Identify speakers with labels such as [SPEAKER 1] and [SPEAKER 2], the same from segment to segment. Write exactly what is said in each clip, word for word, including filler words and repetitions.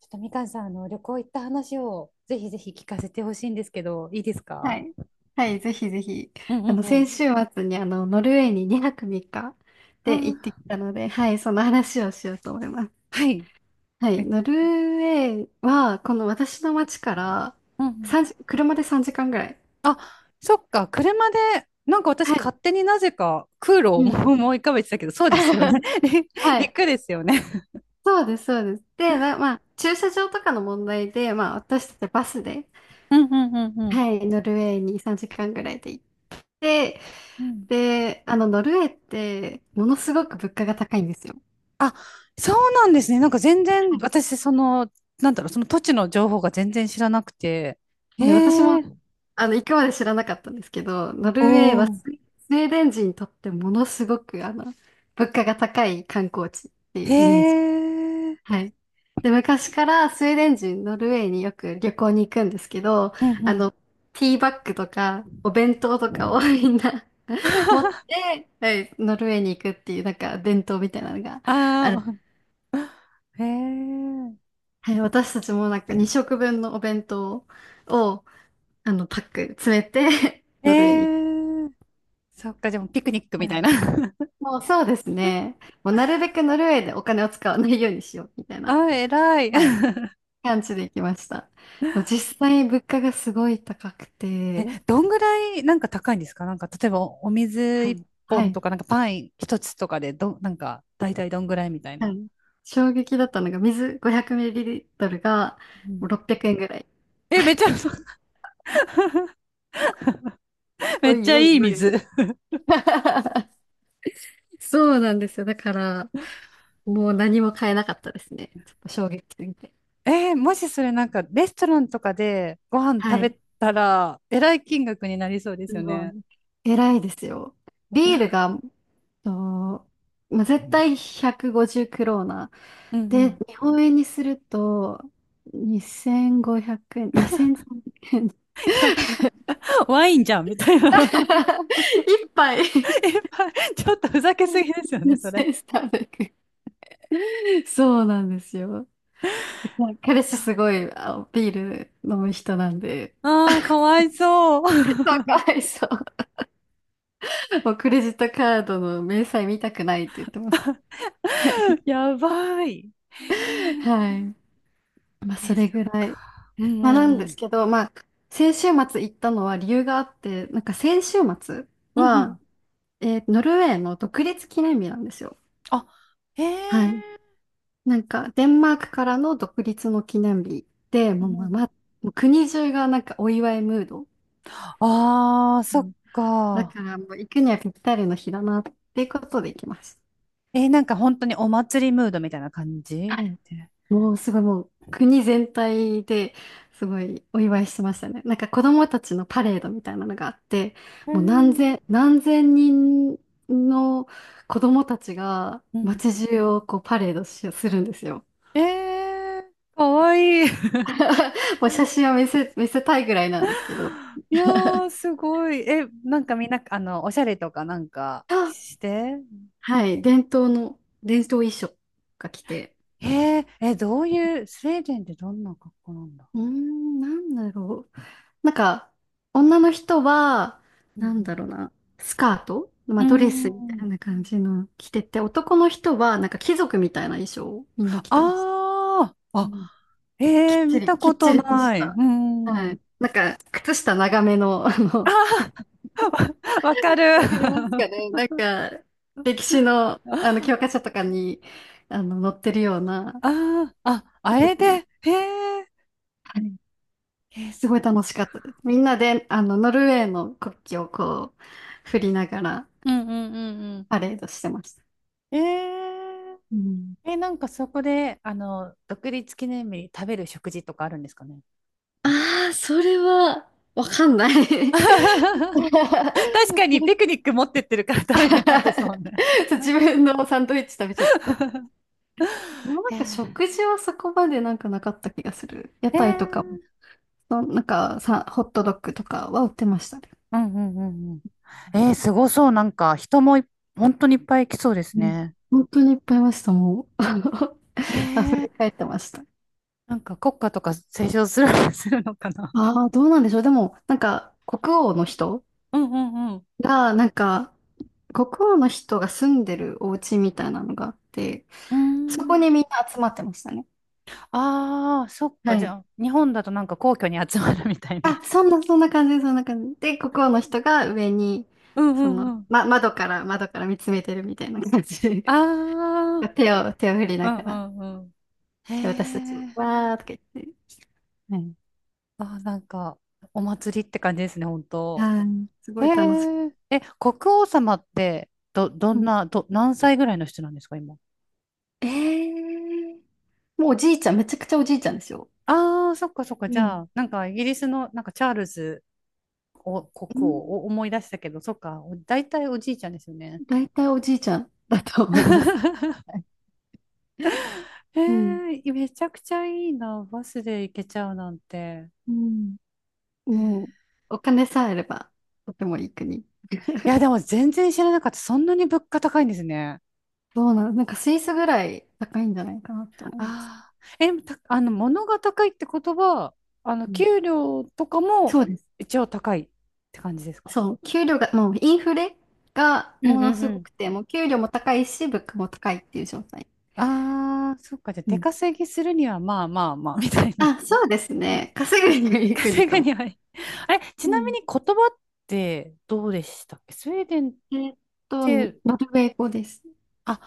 [SPEAKER 1] ちょっとみかんさん、あの旅行行った話をぜひぜひ聞かせてほしいんですけど、いいです
[SPEAKER 2] は
[SPEAKER 1] か？
[SPEAKER 2] い。はい、ぜひぜひ。
[SPEAKER 1] うんう
[SPEAKER 2] あ
[SPEAKER 1] ん
[SPEAKER 2] の、
[SPEAKER 1] う
[SPEAKER 2] 先
[SPEAKER 1] ん。
[SPEAKER 2] 週末にあの、ノルウェーににはくみっかで行って
[SPEAKER 1] あ、
[SPEAKER 2] きたので、はい、その話をしようと思います。
[SPEAKER 1] はい。
[SPEAKER 2] はい、
[SPEAKER 1] え、
[SPEAKER 2] ノルウェーは、この私の町から
[SPEAKER 1] うんうん。
[SPEAKER 2] さんじ車でさんじかんぐらい。
[SPEAKER 1] そっか、車で、なんか私
[SPEAKER 2] はい。
[SPEAKER 1] 勝手になぜか空路を
[SPEAKER 2] うん。
[SPEAKER 1] 思い浮かべてたけど、そうですよね。
[SPEAKER 2] はい。
[SPEAKER 1] 陸ですよね。
[SPEAKER 2] そうです、そうです。で、ま、まあ、駐車場とかの問題で、まあ、私たちバスで、
[SPEAKER 1] うんうんうんうん。
[SPEAKER 2] はい、ノルウェーにさんじかんぐらいで行って、
[SPEAKER 1] うん。
[SPEAKER 2] で、あの、ノルウェーって、ものすごく物価が高いんですよ。
[SPEAKER 1] あ、そうなんですね。なんか全
[SPEAKER 2] は
[SPEAKER 1] 然
[SPEAKER 2] い。
[SPEAKER 1] 私、その、なんだろう、その土地の情報が全然知らなくて。へ
[SPEAKER 2] はい、私も
[SPEAKER 1] え、
[SPEAKER 2] あの、行くまで知らなかったんですけど、ノ
[SPEAKER 1] お
[SPEAKER 2] ルウェーは
[SPEAKER 1] お。
[SPEAKER 2] スウェスウェーデン人にとってものすごく、あの、物価が高い観光地って
[SPEAKER 1] へ
[SPEAKER 2] いうイメージ。
[SPEAKER 1] え。
[SPEAKER 2] はい。で、昔からスウェーデン人、ノルウェーによく旅行に行くんですけど、
[SPEAKER 1] うんう
[SPEAKER 2] あ
[SPEAKER 1] ん。
[SPEAKER 2] の、ティーバッグとか、お弁当とかを みんな 持っ て、はい、ノルウェーに行くっていう、なんか伝統みたいなのがある。
[SPEAKER 1] ああ、へえ。
[SPEAKER 2] はい、私たちもなんかに食分のお弁当を、あの、パック詰めて
[SPEAKER 1] え
[SPEAKER 2] ノルウェーに行
[SPEAKER 1] え。そっか、でもピクニック
[SPEAKER 2] く。
[SPEAKER 1] みたいな。
[SPEAKER 2] もうそうです ね。もうなるべくノルウェーでお金を使わないようにしようみたいな、
[SPEAKER 1] あ、偉い。
[SPEAKER 2] はい、感じで行きました。でも実際物価がすごい高く
[SPEAKER 1] え、
[SPEAKER 2] て、
[SPEAKER 1] どんぐらいなんか高いんですか？なんか、例えばお水
[SPEAKER 2] は
[SPEAKER 1] 一
[SPEAKER 2] い、は
[SPEAKER 1] 本
[SPEAKER 2] い、
[SPEAKER 1] とか、なんかパン一つとかで、ど、なんか、大体どんぐらいみたい
[SPEAKER 2] は
[SPEAKER 1] な。
[SPEAKER 2] い。衝撃だったのが水 ごひゃくミリリットル が
[SPEAKER 1] う
[SPEAKER 2] も
[SPEAKER 1] ん、
[SPEAKER 2] うろっぴゃくえんぐらい。
[SPEAKER 1] え、めっちゃ、め
[SPEAKER 2] お
[SPEAKER 1] っち
[SPEAKER 2] い
[SPEAKER 1] ゃ
[SPEAKER 2] おい
[SPEAKER 1] いい
[SPEAKER 2] おいおい。
[SPEAKER 1] 水。
[SPEAKER 2] そうなんですよ。だから、もう何も買えなかったですね。ちょっと衝撃すぎて。
[SPEAKER 1] えー、もしそれなんか、レストランとかでご飯食
[SPEAKER 2] はい。
[SPEAKER 1] べたら、えらい金額になりそうで
[SPEAKER 2] す
[SPEAKER 1] すよ
[SPEAKER 2] ごい。
[SPEAKER 1] ね。
[SPEAKER 2] 偉いですよ。
[SPEAKER 1] い
[SPEAKER 2] ビー
[SPEAKER 1] や、
[SPEAKER 2] ルが、と、まあ、絶対ひゃくごじゅうクローナ。
[SPEAKER 1] うんう
[SPEAKER 2] で、
[SPEAKER 1] ん。
[SPEAKER 2] 日
[SPEAKER 1] い
[SPEAKER 2] 本円にすると、にせんごひゃくえん、にせんさんびゃくえん。
[SPEAKER 1] や、ワインじゃん、みたいな。
[SPEAKER 2] 一杯
[SPEAKER 1] え、ちょっとふざけすぎですよね、それ。
[SPEAKER 2] にせんさんびゃく。そうなんですよ。彼氏すごいあビール飲む人なんで、
[SPEAKER 1] ああ、かわいそ
[SPEAKER 2] そう
[SPEAKER 1] う。
[SPEAKER 2] かわいそう。もうクレジットカードの明細見たくないって言ってました。はい。
[SPEAKER 1] やばい。
[SPEAKER 2] はい、まあ、
[SPEAKER 1] え、
[SPEAKER 2] そ
[SPEAKER 1] そっ
[SPEAKER 2] れぐらい。
[SPEAKER 1] か。うんう
[SPEAKER 2] まあ、なん
[SPEAKER 1] ん
[SPEAKER 2] で
[SPEAKER 1] う
[SPEAKER 2] す
[SPEAKER 1] ん。
[SPEAKER 2] けど、まあ、先週末行ったのは理由があって、なんか先週末
[SPEAKER 1] うんう
[SPEAKER 2] は、
[SPEAKER 1] ん。
[SPEAKER 2] えーノルウェーの独立記念日なんですよ。
[SPEAKER 1] あ、へ
[SPEAKER 2] はい。
[SPEAKER 1] え。
[SPEAKER 2] なんか、デンマークからの独立の記念日で、
[SPEAKER 1] う
[SPEAKER 2] もう、
[SPEAKER 1] ん
[SPEAKER 2] ま
[SPEAKER 1] う
[SPEAKER 2] あ
[SPEAKER 1] ん、
[SPEAKER 2] まあ、もう国中がなんかお祝いムード。
[SPEAKER 1] ああ、
[SPEAKER 2] う
[SPEAKER 1] そっ
[SPEAKER 2] ん、だ
[SPEAKER 1] か。
[SPEAKER 2] から、もう行くにはぴったりの日だなっていうことで行きます。
[SPEAKER 1] えー、なんか本当にお祭りムードみたいな感じ
[SPEAKER 2] はい、
[SPEAKER 1] ね。
[SPEAKER 2] もうすごい、もう国全体ですごいお祝いしてましたね。なんか子供たちのパレードみたいなのがあって、
[SPEAKER 1] え
[SPEAKER 2] もう何
[SPEAKER 1] ー、
[SPEAKER 2] 千、何千人の子供たちが
[SPEAKER 1] うん。
[SPEAKER 2] 街中をこうパレードしするんですよ。
[SPEAKER 1] えー、かわいい。
[SPEAKER 2] もう写真を見せ、見せたいぐらいなんですけど。
[SPEAKER 1] いやー、すごい。え、なんかみんな、あの、おしゃれとかなんか
[SPEAKER 2] あ
[SPEAKER 1] して、
[SPEAKER 2] はい、伝統の、伝統衣装が来て。
[SPEAKER 1] えー、え、どういう、スウェーデンってどんな格好なんだ？
[SPEAKER 2] うーん、なんだろう。なんか、女の人は、
[SPEAKER 1] う
[SPEAKER 2] なんだ
[SPEAKER 1] ん、
[SPEAKER 2] ろうな、スカート、ま
[SPEAKER 1] う
[SPEAKER 2] あ、
[SPEAKER 1] ー
[SPEAKER 2] ドレスみた
[SPEAKER 1] ん。
[SPEAKER 2] いな感じの着てて、男の人は、なんか貴族みたいな衣装をみんな着てます。
[SPEAKER 1] ああ、
[SPEAKER 2] う
[SPEAKER 1] あ、
[SPEAKER 2] ん。きっ
[SPEAKER 1] えー
[SPEAKER 2] ち
[SPEAKER 1] 見た
[SPEAKER 2] り、きっ
[SPEAKER 1] こ
[SPEAKER 2] ち
[SPEAKER 1] と
[SPEAKER 2] りと
[SPEAKER 1] な
[SPEAKER 2] し
[SPEAKER 1] い。う
[SPEAKER 2] た。
[SPEAKER 1] ー
[SPEAKER 2] は
[SPEAKER 1] ん。
[SPEAKER 2] い。なんか、靴下長めの、あ
[SPEAKER 1] あ
[SPEAKER 2] の、
[SPEAKER 1] あ、わ、わかる。
[SPEAKER 2] わかりますかね、 なんか、歴史の、あの、教
[SPEAKER 1] あ
[SPEAKER 2] 科書とかに、あの、載ってるような、
[SPEAKER 1] あ、あ、
[SPEAKER 2] 貴
[SPEAKER 1] あれ
[SPEAKER 2] 族
[SPEAKER 1] で、
[SPEAKER 2] の、
[SPEAKER 1] へえ、
[SPEAKER 2] はい。
[SPEAKER 1] えー、
[SPEAKER 2] す
[SPEAKER 1] そ
[SPEAKER 2] ご
[SPEAKER 1] う。
[SPEAKER 2] い楽しかったです。みんなで、あの、ノルウェーの国旗をこう、振りながら、
[SPEAKER 1] うんうんうん
[SPEAKER 2] パレードしてました。
[SPEAKER 1] うん。え、
[SPEAKER 2] うん。
[SPEAKER 1] ええ、なんかそこで、あの、独立記念日に食べる食事とかあるんですかね？
[SPEAKER 2] ああ、それは、わかんない。そ
[SPEAKER 1] 確かに
[SPEAKER 2] れ
[SPEAKER 1] ピクニック持ってってるから食べてないですも んね。
[SPEAKER 2] そう、
[SPEAKER 1] あ、
[SPEAKER 2] 自分のサンドイッチ食べちゃってた。でもなん
[SPEAKER 1] え
[SPEAKER 2] か食事はそこまでなんかなかった気がする。屋台とか、
[SPEAKER 1] ー、
[SPEAKER 2] そのなんかさ、ホットドッグとかは売ってましたね。
[SPEAKER 1] うんうんうん、えー、すごそう。なんか、人もい、本当にいっぱい来そうです
[SPEAKER 2] うん、
[SPEAKER 1] ね。
[SPEAKER 2] 本当にいっぱいいました、もう。
[SPEAKER 1] え
[SPEAKER 2] 溢
[SPEAKER 1] ー、
[SPEAKER 2] れ返ってました。
[SPEAKER 1] なんか国歌とか斉唱する、するのかな。
[SPEAKER 2] ああ、どうなんでしょう。でも、なんか、国王の人
[SPEAKER 1] うんうんうん。
[SPEAKER 2] が、なんか、国王の人が住んでるお家みたいなのがあって、
[SPEAKER 1] うー
[SPEAKER 2] そこ
[SPEAKER 1] ん。
[SPEAKER 2] にみんな集まってましたね。
[SPEAKER 1] ああ、そっ
[SPEAKER 2] は
[SPEAKER 1] か。じゃ
[SPEAKER 2] い。
[SPEAKER 1] あ、日本だとなんか皇居に集まるみたいな。
[SPEAKER 2] あ、そんな、そんな感じ、そんな感じ。で、国王の人が上に、
[SPEAKER 1] うんう
[SPEAKER 2] その、
[SPEAKER 1] んうん。
[SPEAKER 2] ま、窓から、窓から見つめてるみたいな感じ。
[SPEAKER 1] あ あ、
[SPEAKER 2] 手を、手を振り
[SPEAKER 1] う
[SPEAKER 2] なが
[SPEAKER 1] ん
[SPEAKER 2] ら、
[SPEAKER 1] うんうん。へ
[SPEAKER 2] で、私たちも、
[SPEAKER 1] え。
[SPEAKER 2] わーとか言って。はい。
[SPEAKER 1] あー、なんか、お祭りって感じですね、本当。
[SPEAKER 2] はい。すご
[SPEAKER 1] へ
[SPEAKER 2] い楽しく。
[SPEAKER 1] え。え、国王様って、ど、ど
[SPEAKER 2] う
[SPEAKER 1] ん
[SPEAKER 2] ん、
[SPEAKER 1] な、ど、何歳ぐらいの人なんですか、今？
[SPEAKER 2] えー、もうおじいちゃん、めちゃくちゃおじいちゃんですよ。
[SPEAKER 1] ああ、そっかそっか。
[SPEAKER 2] う
[SPEAKER 1] じ
[SPEAKER 2] ん。
[SPEAKER 1] ゃあ、なんかイギリスのなんかチャールズお国
[SPEAKER 2] う
[SPEAKER 1] 王
[SPEAKER 2] ん、
[SPEAKER 1] を思い出したけど、そっか。お、大体おじいちゃんですよね。
[SPEAKER 2] 大体おじいちゃんだと思います。はい。うん。
[SPEAKER 1] へえ、めちゃくちゃいいな。バスで行けちゃうなんて。
[SPEAKER 2] うん、もう、お金さえあれば、とてもいい国。
[SPEAKER 1] いや、でも全然知らなかった。そんなに物価高いんですね。
[SPEAKER 2] どうなの、なんかスイスぐらい高いんじゃないかなって思います。
[SPEAKER 1] ああ。え、た、あの、物が高いってことは、あの、
[SPEAKER 2] うん、
[SPEAKER 1] 給料とかも
[SPEAKER 2] そうです。
[SPEAKER 1] 一応高いって感じですか？
[SPEAKER 2] そう、給料が、もうインフレが
[SPEAKER 1] う
[SPEAKER 2] も
[SPEAKER 1] ん
[SPEAKER 2] の
[SPEAKER 1] うんう
[SPEAKER 2] すご
[SPEAKER 1] ん。
[SPEAKER 2] くて、もう給料も高いし、物価も高いっていう状態。
[SPEAKER 1] ああ、そっか。じゃあ、
[SPEAKER 2] う
[SPEAKER 1] 出
[SPEAKER 2] ん、
[SPEAKER 1] 稼ぎするには、まあまあまあ、みたいな。
[SPEAKER 2] あ、そうですね。稼ぐにはいい国
[SPEAKER 1] 稼
[SPEAKER 2] か
[SPEAKER 1] ぐ
[SPEAKER 2] も。
[SPEAKER 1] にはい。あれ、ち
[SPEAKER 2] う
[SPEAKER 1] なみ
[SPEAKER 2] ん、
[SPEAKER 1] に言葉ってどうでしたっけ、スウェーデンっ
[SPEAKER 2] えーっと、
[SPEAKER 1] て。
[SPEAKER 2] ノルウェー語です。
[SPEAKER 1] あ、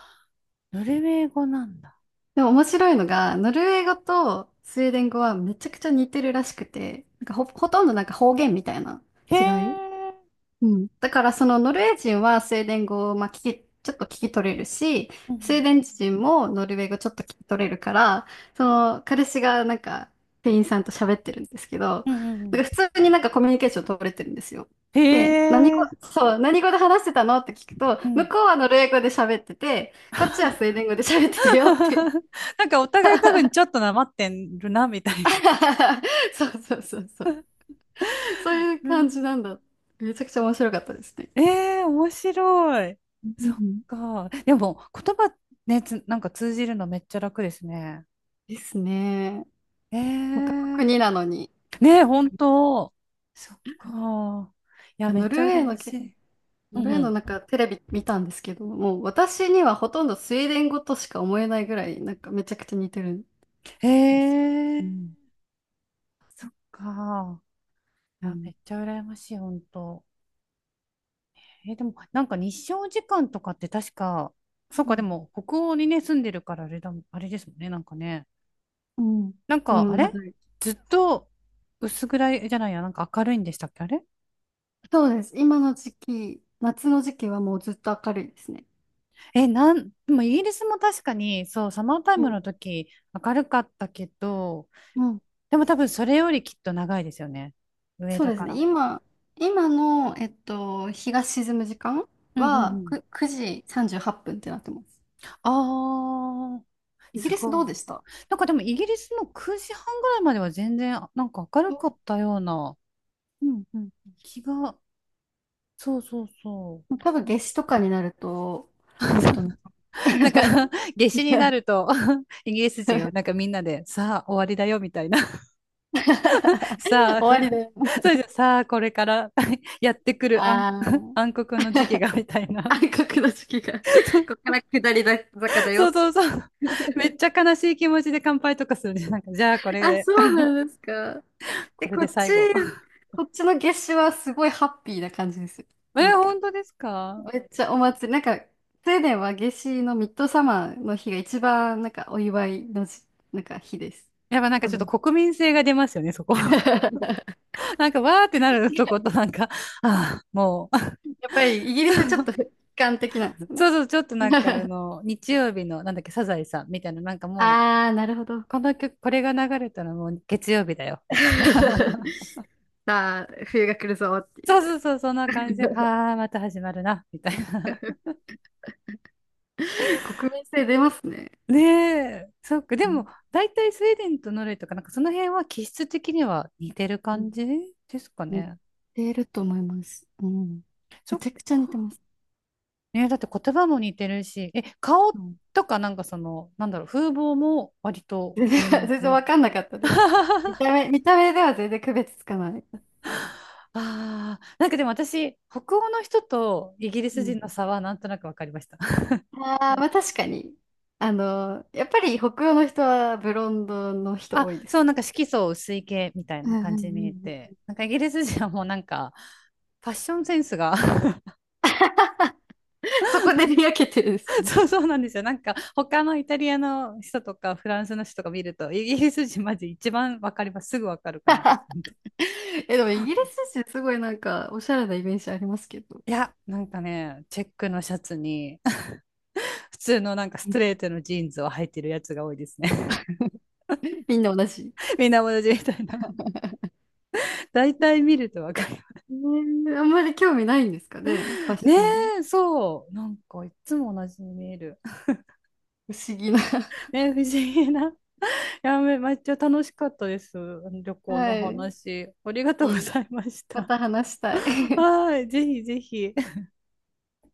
[SPEAKER 1] ノルウェー語なんだ。
[SPEAKER 2] でも面白いのが、ノルウェー語とスウェーデン語はめちゃくちゃ似てるらしくて、なんか、ほ、ほとんどなんか方言みたいな
[SPEAKER 1] へ
[SPEAKER 2] 違い。
[SPEAKER 1] え。
[SPEAKER 2] うん、だからそのノルウェー人はスウェーデン語をまあ、聞き、ちょっと聞き取れるし、
[SPEAKER 1] う
[SPEAKER 2] スウェー
[SPEAKER 1] ん。
[SPEAKER 2] デン人もノルウェー語ちょっと聞き取れるから、その彼氏がなんか店員さんと喋ってるんですけど、
[SPEAKER 1] うんうんう
[SPEAKER 2] なん
[SPEAKER 1] ん。
[SPEAKER 2] か普通になんかコミュニケーション取れてるんですよ。
[SPEAKER 1] へ
[SPEAKER 2] で、何語、
[SPEAKER 1] え。
[SPEAKER 2] そう、何語で話してたのって聞くと、
[SPEAKER 1] う
[SPEAKER 2] 向
[SPEAKER 1] ん。
[SPEAKER 2] こうはノルウェー語で喋ってて、こっちはスウェーデン語で喋ってたよって。
[SPEAKER 1] なんかお互い多分ちょっとなまってるな、みたいな。
[SPEAKER 2] そうそうそうそう。そういう
[SPEAKER 1] う
[SPEAKER 2] 感
[SPEAKER 1] ん。
[SPEAKER 2] じなんだ。めちゃくちゃ面白かったですね。
[SPEAKER 1] えー、面白い。
[SPEAKER 2] う
[SPEAKER 1] そっ
[SPEAKER 2] ん、
[SPEAKER 1] か。でも、言葉ね、つ、なんか通じるのめっちゃ楽ですね。
[SPEAKER 2] ですね。
[SPEAKER 1] え
[SPEAKER 2] 他の
[SPEAKER 1] ー、
[SPEAKER 2] 国なのに。
[SPEAKER 1] ねえ、本当。そっか。いや、めっ
[SPEAKER 2] ノル
[SPEAKER 1] ち
[SPEAKER 2] ウ
[SPEAKER 1] ゃ
[SPEAKER 2] ェ
[SPEAKER 1] 羨
[SPEAKER 2] ー
[SPEAKER 1] ま
[SPEAKER 2] の
[SPEAKER 1] し
[SPEAKER 2] け、
[SPEAKER 1] い。う
[SPEAKER 2] ノ
[SPEAKER 1] ん
[SPEAKER 2] ルウ
[SPEAKER 1] う
[SPEAKER 2] ェーの
[SPEAKER 1] ん。
[SPEAKER 2] なんかテレビ見たんですけど、もう私にはほとんどスウェーデン語としか思えないぐらい、なんかめちゃくちゃ似てるん
[SPEAKER 1] へ
[SPEAKER 2] です。
[SPEAKER 1] え、
[SPEAKER 2] うん。
[SPEAKER 1] か。い
[SPEAKER 2] う
[SPEAKER 1] や、め
[SPEAKER 2] ん。
[SPEAKER 1] っちゃ羨ましい、本当。えー、でも、なんか日照時間とかって確か、そう
[SPEAKER 2] う
[SPEAKER 1] か、で
[SPEAKER 2] ん
[SPEAKER 1] も、北欧にね、住んでるからあれだもん、あれですもんね、なんかね。
[SPEAKER 2] うん。
[SPEAKER 1] なんか、
[SPEAKER 2] も
[SPEAKER 1] あ
[SPEAKER 2] うなん
[SPEAKER 1] れ
[SPEAKER 2] から、
[SPEAKER 1] ずっと薄暗いじゃないや、なんか明るいんでしたっけ、あれ？
[SPEAKER 2] そうです。今の時期、夏の時期はもうずっと明るいですね。
[SPEAKER 1] え、なん、でもイギリスも確かに、そう、サマータイ
[SPEAKER 2] う
[SPEAKER 1] ム
[SPEAKER 2] ん。
[SPEAKER 1] の時、明るかったけど、
[SPEAKER 2] うん。
[SPEAKER 1] でも多分それよりきっと長いですよね。上
[SPEAKER 2] そう
[SPEAKER 1] だ
[SPEAKER 2] です
[SPEAKER 1] か
[SPEAKER 2] ね。
[SPEAKER 1] ら。
[SPEAKER 2] 今、今の、えっと、日が沈む時間
[SPEAKER 1] うんうん
[SPEAKER 2] は
[SPEAKER 1] うん。
[SPEAKER 2] くくじさんじゅうはっぷんっぷんってなってます。
[SPEAKER 1] ああ、
[SPEAKER 2] イギ
[SPEAKER 1] す
[SPEAKER 2] リス
[SPEAKER 1] ご
[SPEAKER 2] ど
[SPEAKER 1] い。
[SPEAKER 2] うでした。
[SPEAKER 1] なんかでもイギリスもくじはんぐらいまでは全然なんか明る
[SPEAKER 2] う
[SPEAKER 1] か
[SPEAKER 2] ん
[SPEAKER 1] ったような
[SPEAKER 2] うんうん、
[SPEAKER 1] 気が、そうそうそ
[SPEAKER 2] 多分夏至とかになると、もっとね。
[SPEAKER 1] う。なんか 夏至になると イギリス人をなんかみんなでさあ終わりだよみたいな、 さあ、
[SPEAKER 2] 終
[SPEAKER 1] ふ、
[SPEAKER 2] わりだよ。
[SPEAKER 1] それじゃさあこれから やってくる暗、
[SPEAKER 2] あ ー。
[SPEAKER 1] 暗黒の時期がみたいな、
[SPEAKER 2] 暗黒の時期が、ここ から下りだ坂だ
[SPEAKER 1] そう
[SPEAKER 2] よ。
[SPEAKER 1] そうそうそう。めっちゃ悲しい気持ちで乾杯とかするね。なんかじゃあこれ
[SPEAKER 2] あ、
[SPEAKER 1] で、
[SPEAKER 2] そうなんですか。
[SPEAKER 1] こ
[SPEAKER 2] で、
[SPEAKER 1] れ
[SPEAKER 2] こ
[SPEAKER 1] で
[SPEAKER 2] っ
[SPEAKER 1] 最
[SPEAKER 2] ち、
[SPEAKER 1] 後。
[SPEAKER 2] こっちの夏至はすごいハッピーな感じですよ。な
[SPEAKER 1] え、
[SPEAKER 2] んか、
[SPEAKER 1] 本当ですか？
[SPEAKER 2] めっちゃお祭り、なんか、スウェーデンは夏至のミッドサマーの日が一番、なんか、お祝いのじ、なんか、日です。
[SPEAKER 1] やっぱなん
[SPEAKER 2] お
[SPEAKER 1] かちょっ
[SPEAKER 2] 祝
[SPEAKER 1] と
[SPEAKER 2] い
[SPEAKER 1] 国民性が出ますよね、そこ。なんか、わーってなるとこと、なんか、ああ、もう、
[SPEAKER 2] やっぱり、イギリスはちょっと悲 観的なんですね。
[SPEAKER 1] そうそうそう、ちょっとなんか、あ の、日曜日の、なんだっけ、サザエさんみたいな、なんかもう、
[SPEAKER 2] ああ、なるほど。
[SPEAKER 1] この曲、これが流れたらもう月曜日だよ、みたいな。
[SPEAKER 2] さあ、冬が来るぞっ てい
[SPEAKER 1] そうそ
[SPEAKER 2] う。
[SPEAKER 1] うそう、そんな感じで、はあ、また始まるな、みたいな。
[SPEAKER 2] 国民性出ますね。
[SPEAKER 1] ねえ、そっか、で
[SPEAKER 2] う
[SPEAKER 1] も、
[SPEAKER 2] ん
[SPEAKER 1] 大体スウェーデンとノルウェーとか、なんかその辺は気質的には似てる
[SPEAKER 2] うん、
[SPEAKER 1] 感じですか
[SPEAKER 2] 似
[SPEAKER 1] ね。
[SPEAKER 2] てると思います。うん。
[SPEAKER 1] そ
[SPEAKER 2] め
[SPEAKER 1] っ
[SPEAKER 2] ちゃくちゃ似て
[SPEAKER 1] か。
[SPEAKER 2] ます。
[SPEAKER 1] ね、だって言葉も似てるし、え、
[SPEAKER 2] う
[SPEAKER 1] 顔
[SPEAKER 2] ん、
[SPEAKER 1] とかなんかその、なんだろう、風貌も割と
[SPEAKER 2] 全然、
[SPEAKER 1] 同
[SPEAKER 2] 全然
[SPEAKER 1] じ。
[SPEAKER 2] わかんなかったです。見 た目、見た目では全然区別つかない。
[SPEAKER 1] ああ、なんかでも私、北欧の人とイギリ
[SPEAKER 2] う
[SPEAKER 1] ス人
[SPEAKER 2] ん。
[SPEAKER 1] の差はなんとなく分かりました。
[SPEAKER 2] ああ、
[SPEAKER 1] う
[SPEAKER 2] ま
[SPEAKER 1] ん、
[SPEAKER 2] あ確かに。あの、やっぱり北欧の人はブロンドの人
[SPEAKER 1] あ、
[SPEAKER 2] 多いで
[SPEAKER 1] そう、
[SPEAKER 2] す。
[SPEAKER 1] なんか色素薄い系みたい
[SPEAKER 2] うん
[SPEAKER 1] な
[SPEAKER 2] うん
[SPEAKER 1] 感
[SPEAKER 2] う
[SPEAKER 1] じに見え
[SPEAKER 2] んう
[SPEAKER 1] て、
[SPEAKER 2] ん、
[SPEAKER 1] なんかイギリス人はもうなんか、ファッションセンスが、
[SPEAKER 2] そこで見分けてるんです。
[SPEAKER 1] そうそうなんですよ。なんか、他のイタリアの人とかフランスの人とか見ると、イギリス人マジ一番分かります。すぐ分かる感じ。
[SPEAKER 2] え、でもイギリス人、すごいなんか、おしゃれなイメージありますけど。
[SPEAKER 1] いや、なんかね、チェックのシャツに、普通のなんかストレー トのジーンズを履いてるやつが多いですね。
[SPEAKER 2] みんな同じ。
[SPEAKER 1] みんな同じみたいな。大体見るとわかる。
[SPEAKER 2] えーあんまり興味ないんですかね、ファ ッシ
[SPEAKER 1] ね
[SPEAKER 2] ョン。
[SPEAKER 1] え、そう。なんかいつも同じに見える。
[SPEAKER 2] 不思議な。
[SPEAKER 1] ねえ、不思議な。いやめ、めっちゃ楽しかったです。旅行
[SPEAKER 2] は
[SPEAKER 1] の
[SPEAKER 2] い。
[SPEAKER 1] 話。ありがと
[SPEAKER 2] い
[SPEAKER 1] うご
[SPEAKER 2] え、
[SPEAKER 1] ざいまし
[SPEAKER 2] ま
[SPEAKER 1] た。
[SPEAKER 2] た話した い。
[SPEAKER 1] はい、ぜひぜひ。